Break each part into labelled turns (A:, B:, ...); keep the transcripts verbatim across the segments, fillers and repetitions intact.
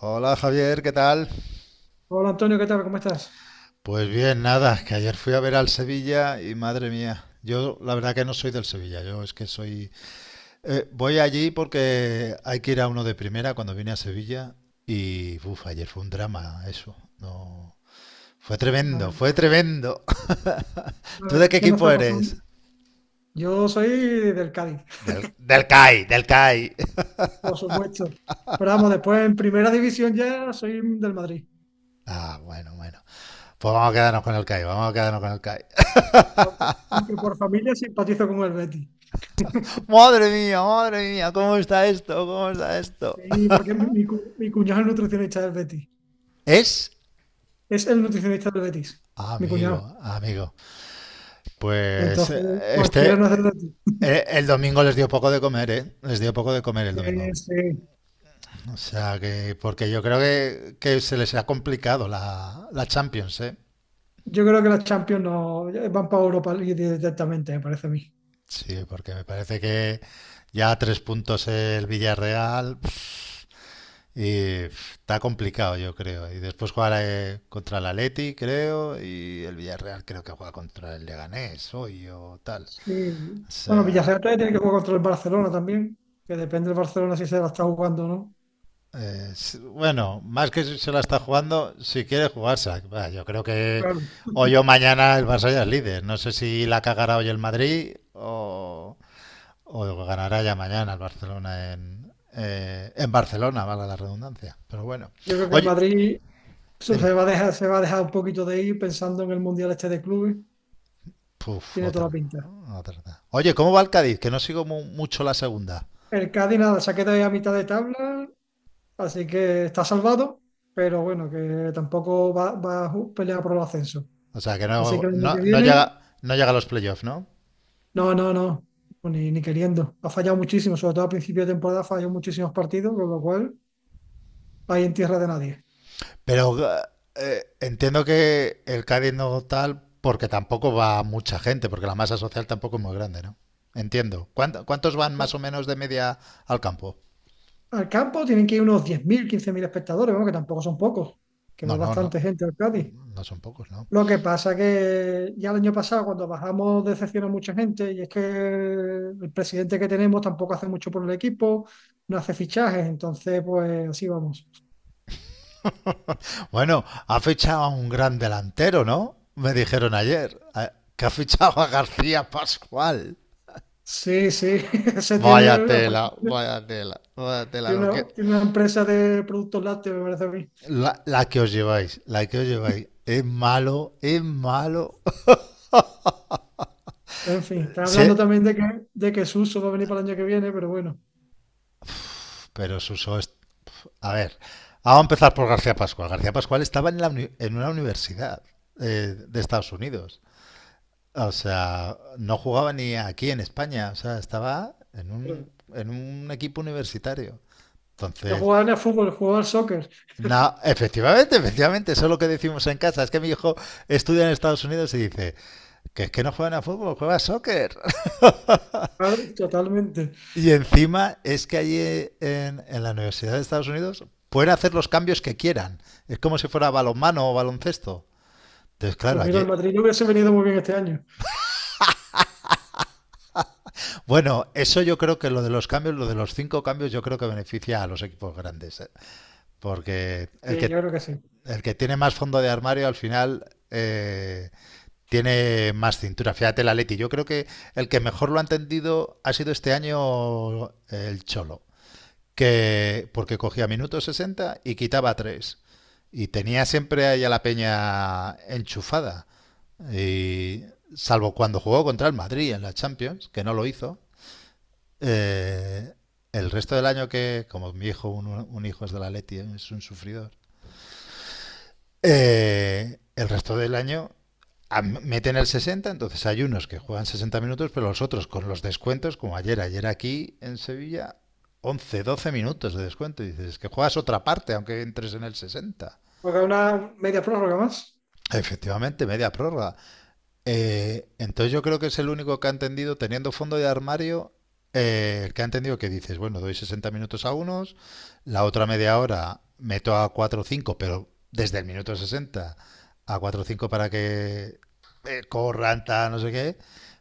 A: Hola Javier, ¿qué tal?
B: Hola Antonio, ¿qué tal? ¿Cómo estás?
A: Pues bien, nada, que ayer fui a ver al Sevilla y madre mía, yo la verdad que no soy del Sevilla, yo es que soy... eh, voy allí porque hay que ir a uno de primera cuando vine a Sevilla y uff, ayer fue un drama eso, no... Fue
B: La
A: tremendo,
B: ver-
A: fue tremendo.
B: la
A: ¿Tú de
B: verdad, es
A: qué
B: que no
A: equipo
B: está pasando.
A: eres?
B: Yo soy del Cádiz,
A: Del, del C A I, del C A I.
B: por supuesto. Pero vamos, después en primera división ya soy del Madrid.
A: Ah, bueno, bueno. Pues vamos a quedarnos con el C A I, vamos a quedarnos con el C A I.
B: Aunque, aunque por familia simpatizo con el Betis.
A: Madre mía, madre mía, ¿cómo está esto? ¿Cómo está esto?
B: Sí, porque mi, mi cu- mi cuñado es nutricionista del Betis.
A: Es.
B: Es el nutricionista del Betis, mi
A: Amigo,
B: cuñado.
A: amigo. Pues eh,
B: Entonces, cualquiera
A: este,
B: no es del Betis.
A: eh, el domingo les dio poco de comer, ¿eh? Les dio poco de comer el domingo.
B: Eh, sí.
A: O sea que, porque yo creo que, que se les ha complicado la, la Champions, ¿eh?
B: Yo creo que las Champions no van para Europa League directamente, me parece a mí.
A: Sí, porque me parece que ya a tres puntos el Villarreal pf, y pf, está complicado, yo creo. Y después jugará eh, contra el Atleti, creo, y el Villarreal creo que juega contra el Leganés hoy o tal.
B: Sí.
A: O
B: Bueno,
A: sea.
B: Villarreal todavía tiene que jugar contra el Barcelona también, que depende del Barcelona si se la está jugando o no.
A: Eh, s- bueno, más que si se la está jugando, si quiere jugarse. Yo creo que
B: Claro.
A: hoy o mañana el Barça ya es líder. No sé si la cagará hoy el Madrid o, o ganará ya mañana el Barcelona en, eh, en Barcelona, valga la redundancia. Pero bueno.
B: Yo creo que el
A: Oye,
B: Madrid se
A: dime.
B: se va a dejar, se va a dejar un poquito de ir pensando en el Mundial este de clubes.
A: Puf,
B: Tiene toda la
A: otra.
B: pinta.
A: Otra. Otra. Oye, ¿cómo va el Cádiz? Que no sigo mu- mucho la segunda.
B: El Cádiz nada, se ha quedado ahí a mitad de tabla, así que está salvado, pero bueno, que tampoco va, va a ju- pelear por el ascenso.
A: O sea, que
B: Así que
A: no,
B: el año
A: no,
B: que
A: no
B: viene,
A: llega, no llega a los playoffs, ¿no?
B: no, no, no, ni, ni queriendo. Ha fallado muchísimo, sobre todo a principio de temporada, falló muchísimos partidos, con lo cual ahí en tierra de nadie.
A: Pero eh, entiendo que el Cádiz no tal porque tampoco va mucha gente, porque la masa social tampoco es muy grande, ¿no? Entiendo. ¿Cuánto- ¿Cuántos van más o menos de media al campo?
B: Al campo tienen que ir unos diez mil, quince mil espectadores, bueno, que tampoco son pocos, que va
A: No, no, no.
B: bastante gente al Cádiz.
A: No son pocos, ¿no?
B: Lo que pasa que ya el año pasado, cuando bajamos, decepcionó a mucha gente, y es que el presidente que tenemos tampoco hace mucho por el equipo, no hace fichajes, entonces, pues así vamos.
A: Bueno, ha fichado a un gran delantero, ¿no? Me dijeron ayer. a- Que ha fichado a García Pascual.
B: Sí, sí, ese
A: Vaya
B: tiene,
A: tela, vaya tela, vaya tela. Lo
B: tiene una,
A: que,
B: tiene una empresa de productos lácteos, me parece a mí.
A: la, la que os lleváis, la que os lleváis. Es malo, es malo.
B: En fin, está
A: Sí.
B: hablando también de que, de que Suso va a venir para el año que viene, pero bueno,
A: Pero Suso es... A ver, vamos a empezar por García Pascual. García Pascual estaba en, la uni- en una universidad eh, de Estados Unidos. O sea, no jugaba ni aquí en España. O sea, estaba en
B: pero
A: un, en un equipo universitario.
B: no
A: Entonces,
B: jugaba ni a fútbol, jugaba al soccer.
A: no, efectivamente, efectivamente, eso es lo que decimos en casa. Es que mi hijo estudia en Estados Unidos y dice que es que no juegan a fútbol, juega a soccer.
B: Claro, totalmente.
A: Y encima es que allí en, en la Universidad de Estados Unidos pueden hacer los cambios que quieran. Es como si fuera balonmano o baloncesto. Entonces, claro,
B: Pues mira, el
A: allí...
B: Madrid no hubiese venido muy bien este año.
A: Bueno, eso yo creo que lo de los cambios, lo de los cinco cambios, yo creo que beneficia a los equipos grandes, ¿eh? Porque el
B: Sí, yo
A: que,
B: creo que sí.
A: el que tiene más fondo de armario al final eh, tiene más cintura. Fíjate el Atleti. Yo creo que el que mejor lo ha entendido ha sido este año el Cholo, que porque cogía minuto sesenta y quitaba tres. Y tenía siempre ahí a la peña enchufada. Y salvo cuando jugó contra el Madrid en la Champions, que no lo hizo, eh, el resto del año que, como mi hijo, un, un hijo es de la Leti, es un sufrido, eh, el resto del año a- meten el sesenta, entonces hay unos que juegan sesenta minutos, pero los otros con los descuentos, como ayer, ayer aquí en Sevilla, once, doce minutos de descuento. Y dices, es que juegas otra parte, aunque entres en el sesenta.
B: Porque hay una media prórroga más.
A: Efectivamente, media prórroga. Eh, entonces yo creo que es el único que ha entendido, teniendo fondo de armario, eh, el que ha entendido que dices, bueno, doy sesenta minutos a unos, la otra media hora meto a cuatro o cinco pero desde el minuto sesenta a cuatro o cinco para que eh, corran, tal, no sé qué.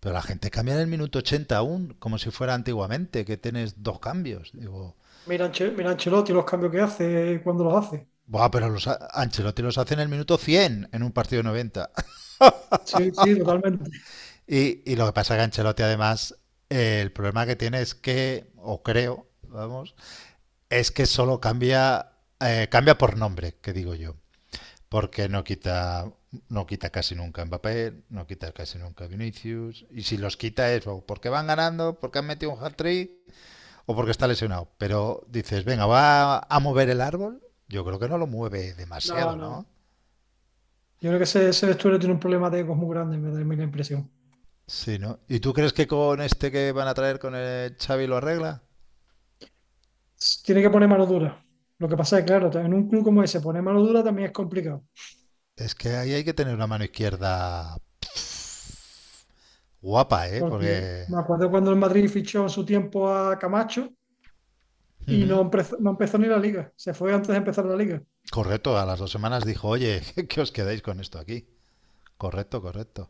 A: Pero la gente cambia en el minuto ochenta aún, como si fuera antiguamente, que tienes dos cambios. Digo,
B: Mira, Anche- mira Ancelotti, los cambios que hace, eh, cuándo los hace.
A: buah, pero los a- Ancelotti los hace en el minuto cien en un partido noventa.
B: Sí, sí, totalmente.
A: Y, y lo que pasa es que Ancelotti, además, eh, el problema que tiene es que, o creo, vamos, es que solo cambia, eh, cambia por nombre, que digo yo. Porque no quita, no quita casi nunca Mbappé, no quita casi nunca Vinicius. Y si los quita es o porque van ganando, porque han metido un hat-trick o porque está lesionado. Pero dices, venga, va a mover el árbol. Yo creo que no lo mueve
B: No,
A: demasiado,
B: no.
A: ¿no?
B: Yo creo que ese, ese vestuario tiene un problema de egos muy grande, me da a mí la impresión.
A: Sí, ¿no? ¿Y tú crees que con este que van a traer con el Xavi lo arregla?
B: Tiene que poner mano dura. Lo que pasa es, que, claro, en un club como ese, poner mano dura también es complicado.
A: Es que ahí hay que tener una mano izquierda guapa, ¿eh?
B: Porque
A: Porque...
B: me acuerdo cuando el Madrid fichó en su tiempo a Camacho y no
A: Ujú.
B: empezó, no empezó ni la liga. Se fue antes de empezar la liga.
A: Correcto, a las dos semanas dijo, oye, que os quedáis con esto aquí. Correcto, correcto.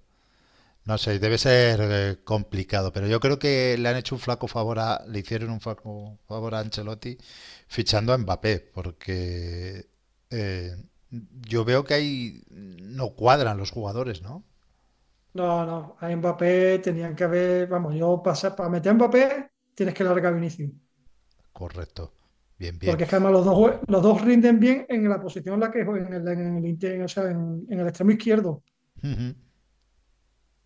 A: No sé, debe ser eh, complicado, pero yo creo que le han hecho un flaco favor a, le hicieron un flaco favor a Ancelotti fichando a Mbappé, porque eh, yo veo que ahí no cuadran los jugadores, ¿no?
B: No, no, a Mbappé tenían que haber, vamos, yo pasa, para meter a Mbappé tienes que largar a Vinicius,
A: Correcto. Bien, bien.
B: porque es que además los dos, jue- los dos rinden bien en la posición en la que juegan, en el, en el inter- o sea, en, en el extremo izquierdo,
A: Ujú.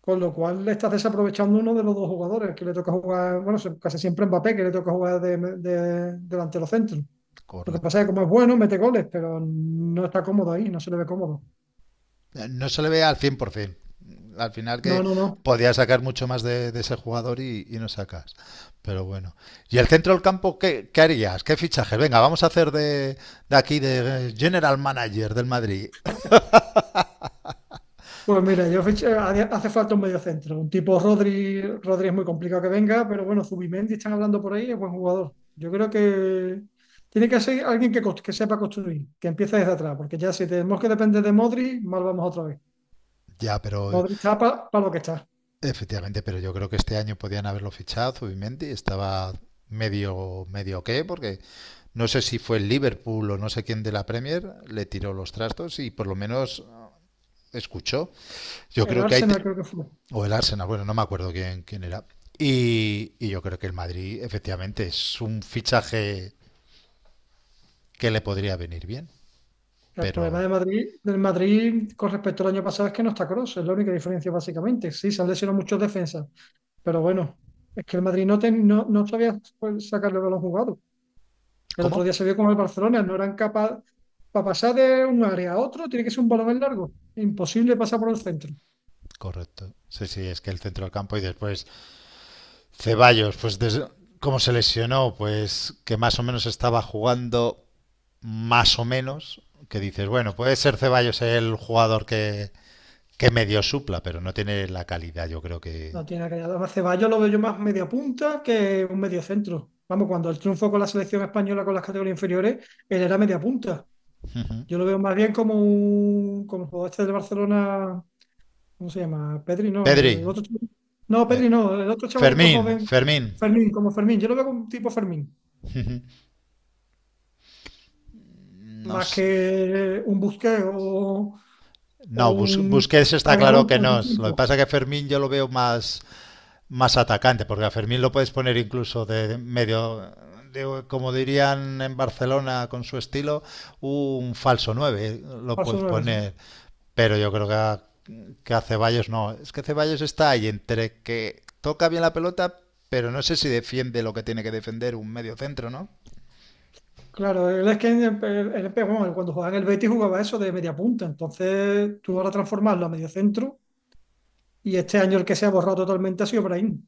B: con lo cual le estás desaprovechando uno de los dos jugadores, que le toca jugar, bueno, se- casi siempre a Mbappé, que le toca jugar de, de- delantero centro. Lo que pasa es
A: Correcto.
B: que como es bueno, mete goles, pero no está cómodo ahí, no se le ve cómodo.
A: Eh, No se le ve al cien por ciento. Al final que
B: No, no, no.
A: podías sacar mucho más de, de ese jugador y, y no sacas. Pero bueno. ¿Y el centro del campo qué, qué harías? ¿Qué fichaje? Venga, vamos a hacer de, de aquí de eh, General Manager del Madrid.
B: Pues mira, yo fiché- hace hace falta un mediocentro. Un tipo Rodri, Rodri es muy complicado que venga, pero bueno, Zubimendi están hablando por ahí, es buen jugador. Yo creo que tiene que ser alguien que, cos- que sepa construir, que empiece desde atrás, porque ya si tenemos que depender de Modri, mal vamos otra vez.
A: Ya, pero
B: Modri está para lo que está.
A: efectivamente, pero yo creo que este año podían haberlo fichado, Zubimendi. Estaba medio, medio qué, porque no sé si fue el Liverpool o no sé quién de la Premier, le tiró los trastos y por lo menos escuchó. Yo
B: El
A: creo que hay.
B: Arsenal creo que fue.
A: O el Arsenal, bueno, no me acuerdo quién, quién era. Y, y yo creo que el Madrid, efectivamente, es un fichaje que le podría venir bien.
B: El problema
A: Pero,
B: de Madrid, del Madrid con respecto al año pasado es que no está Kroos, es la única diferencia básicamente. Sí, se han lesionado muchos defensas, pero bueno, es que el Madrid no, ten- no, no sabía pues, sacarle el balón jugado. El otro
A: ¿cómo?
B: día se vio con el Barcelona, no eran capaces para pasar de un área a otro, tiene que ser un balón en largo. Imposible pasar por el centro.
A: Correcto. Sí, sí, es que el centro del campo y después Ceballos, pues desde, como se lesionó, pues que más o menos estaba jugando más o menos, que dices, bueno, puede ser Ceballos el jugador que, que medio supla, pero no tiene la calidad, yo creo que...
B: No tiene que Además, Ceballos lo veo yo más media punta que un medio centro. Vamos, cuando el triunfo con la selección española con las categorías inferiores, él era media punta.
A: Uh-huh.
B: Yo lo veo más bien como un como el jugador este del Barcelona, ¿cómo se llama? Pedri, no,
A: Pedri,
B: el otro chaval- no,
A: eh,
B: Pedri no, el otro chavalito
A: Fermín,
B: joven,
A: Fermín,
B: Fermín, como Fermín. Yo lo veo como un tipo Fermín,
A: no
B: más
A: sé.
B: que un Busquets o, o
A: No, Bus-
B: un
A: Busquets está
B: Xabi
A: claro que
B: Alonso en su
A: no. Lo que
B: tiempo,
A: pasa es que Fermín yo lo veo más, más atacante, porque a Fermín lo puedes poner incluso de medio, de- como dirían en Barcelona con su estilo, un falso nueve eh, lo
B: falso
A: puedes
B: nueve, sí.
A: poner. Pero yo creo que a, que a Ceballos no. Es que Ceballos está ahí entre que toca bien la pelota, pero no sé si defiende lo que tiene que defender un medio centro, ¿no?
B: Claro, él es que en el- el- el- bueno, cuando jugaba en el Betis jugaba eso de media punta, entonces tú ahora transformarlo a medio centro y este año el que se ha borrado totalmente ha sido Brahim,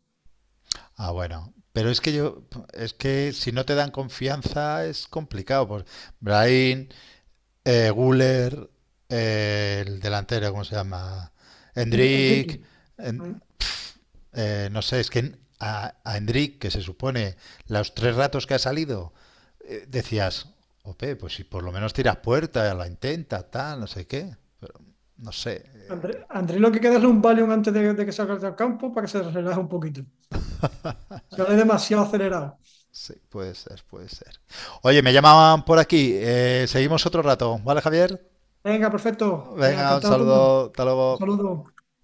A: Ah, bueno, pero es que yo, es que si no te dan confianza es complicado. Pues Brahim, Eh, Guller, eh, el delantero, ¿cómo se llama?
B: eh,
A: Hendrik.
B: Enrique.
A: en-
B: ¿No?
A: pf, eh, no sé, es que en- a, a Hendrik, que se supone los tres ratos que ha salido, eh, decías, ope, pues si por lo menos tiras puerta, la intenta, tal, no sé qué. Pero no sé, eh,
B: André, André lo que queda es un Valium antes de, de que salga del campo para que se relaje un poquito. Se ve demasiado acelerado.
A: sí, puede ser, puede ser. Oye, me llamaban por aquí. Eh, seguimos otro rato, ¿vale, Javier?
B: Venga, perfecto. Venga,
A: Venga, un
B: encantado, Antonio.
A: saludo, hasta
B: Un
A: luego.
B: saludo.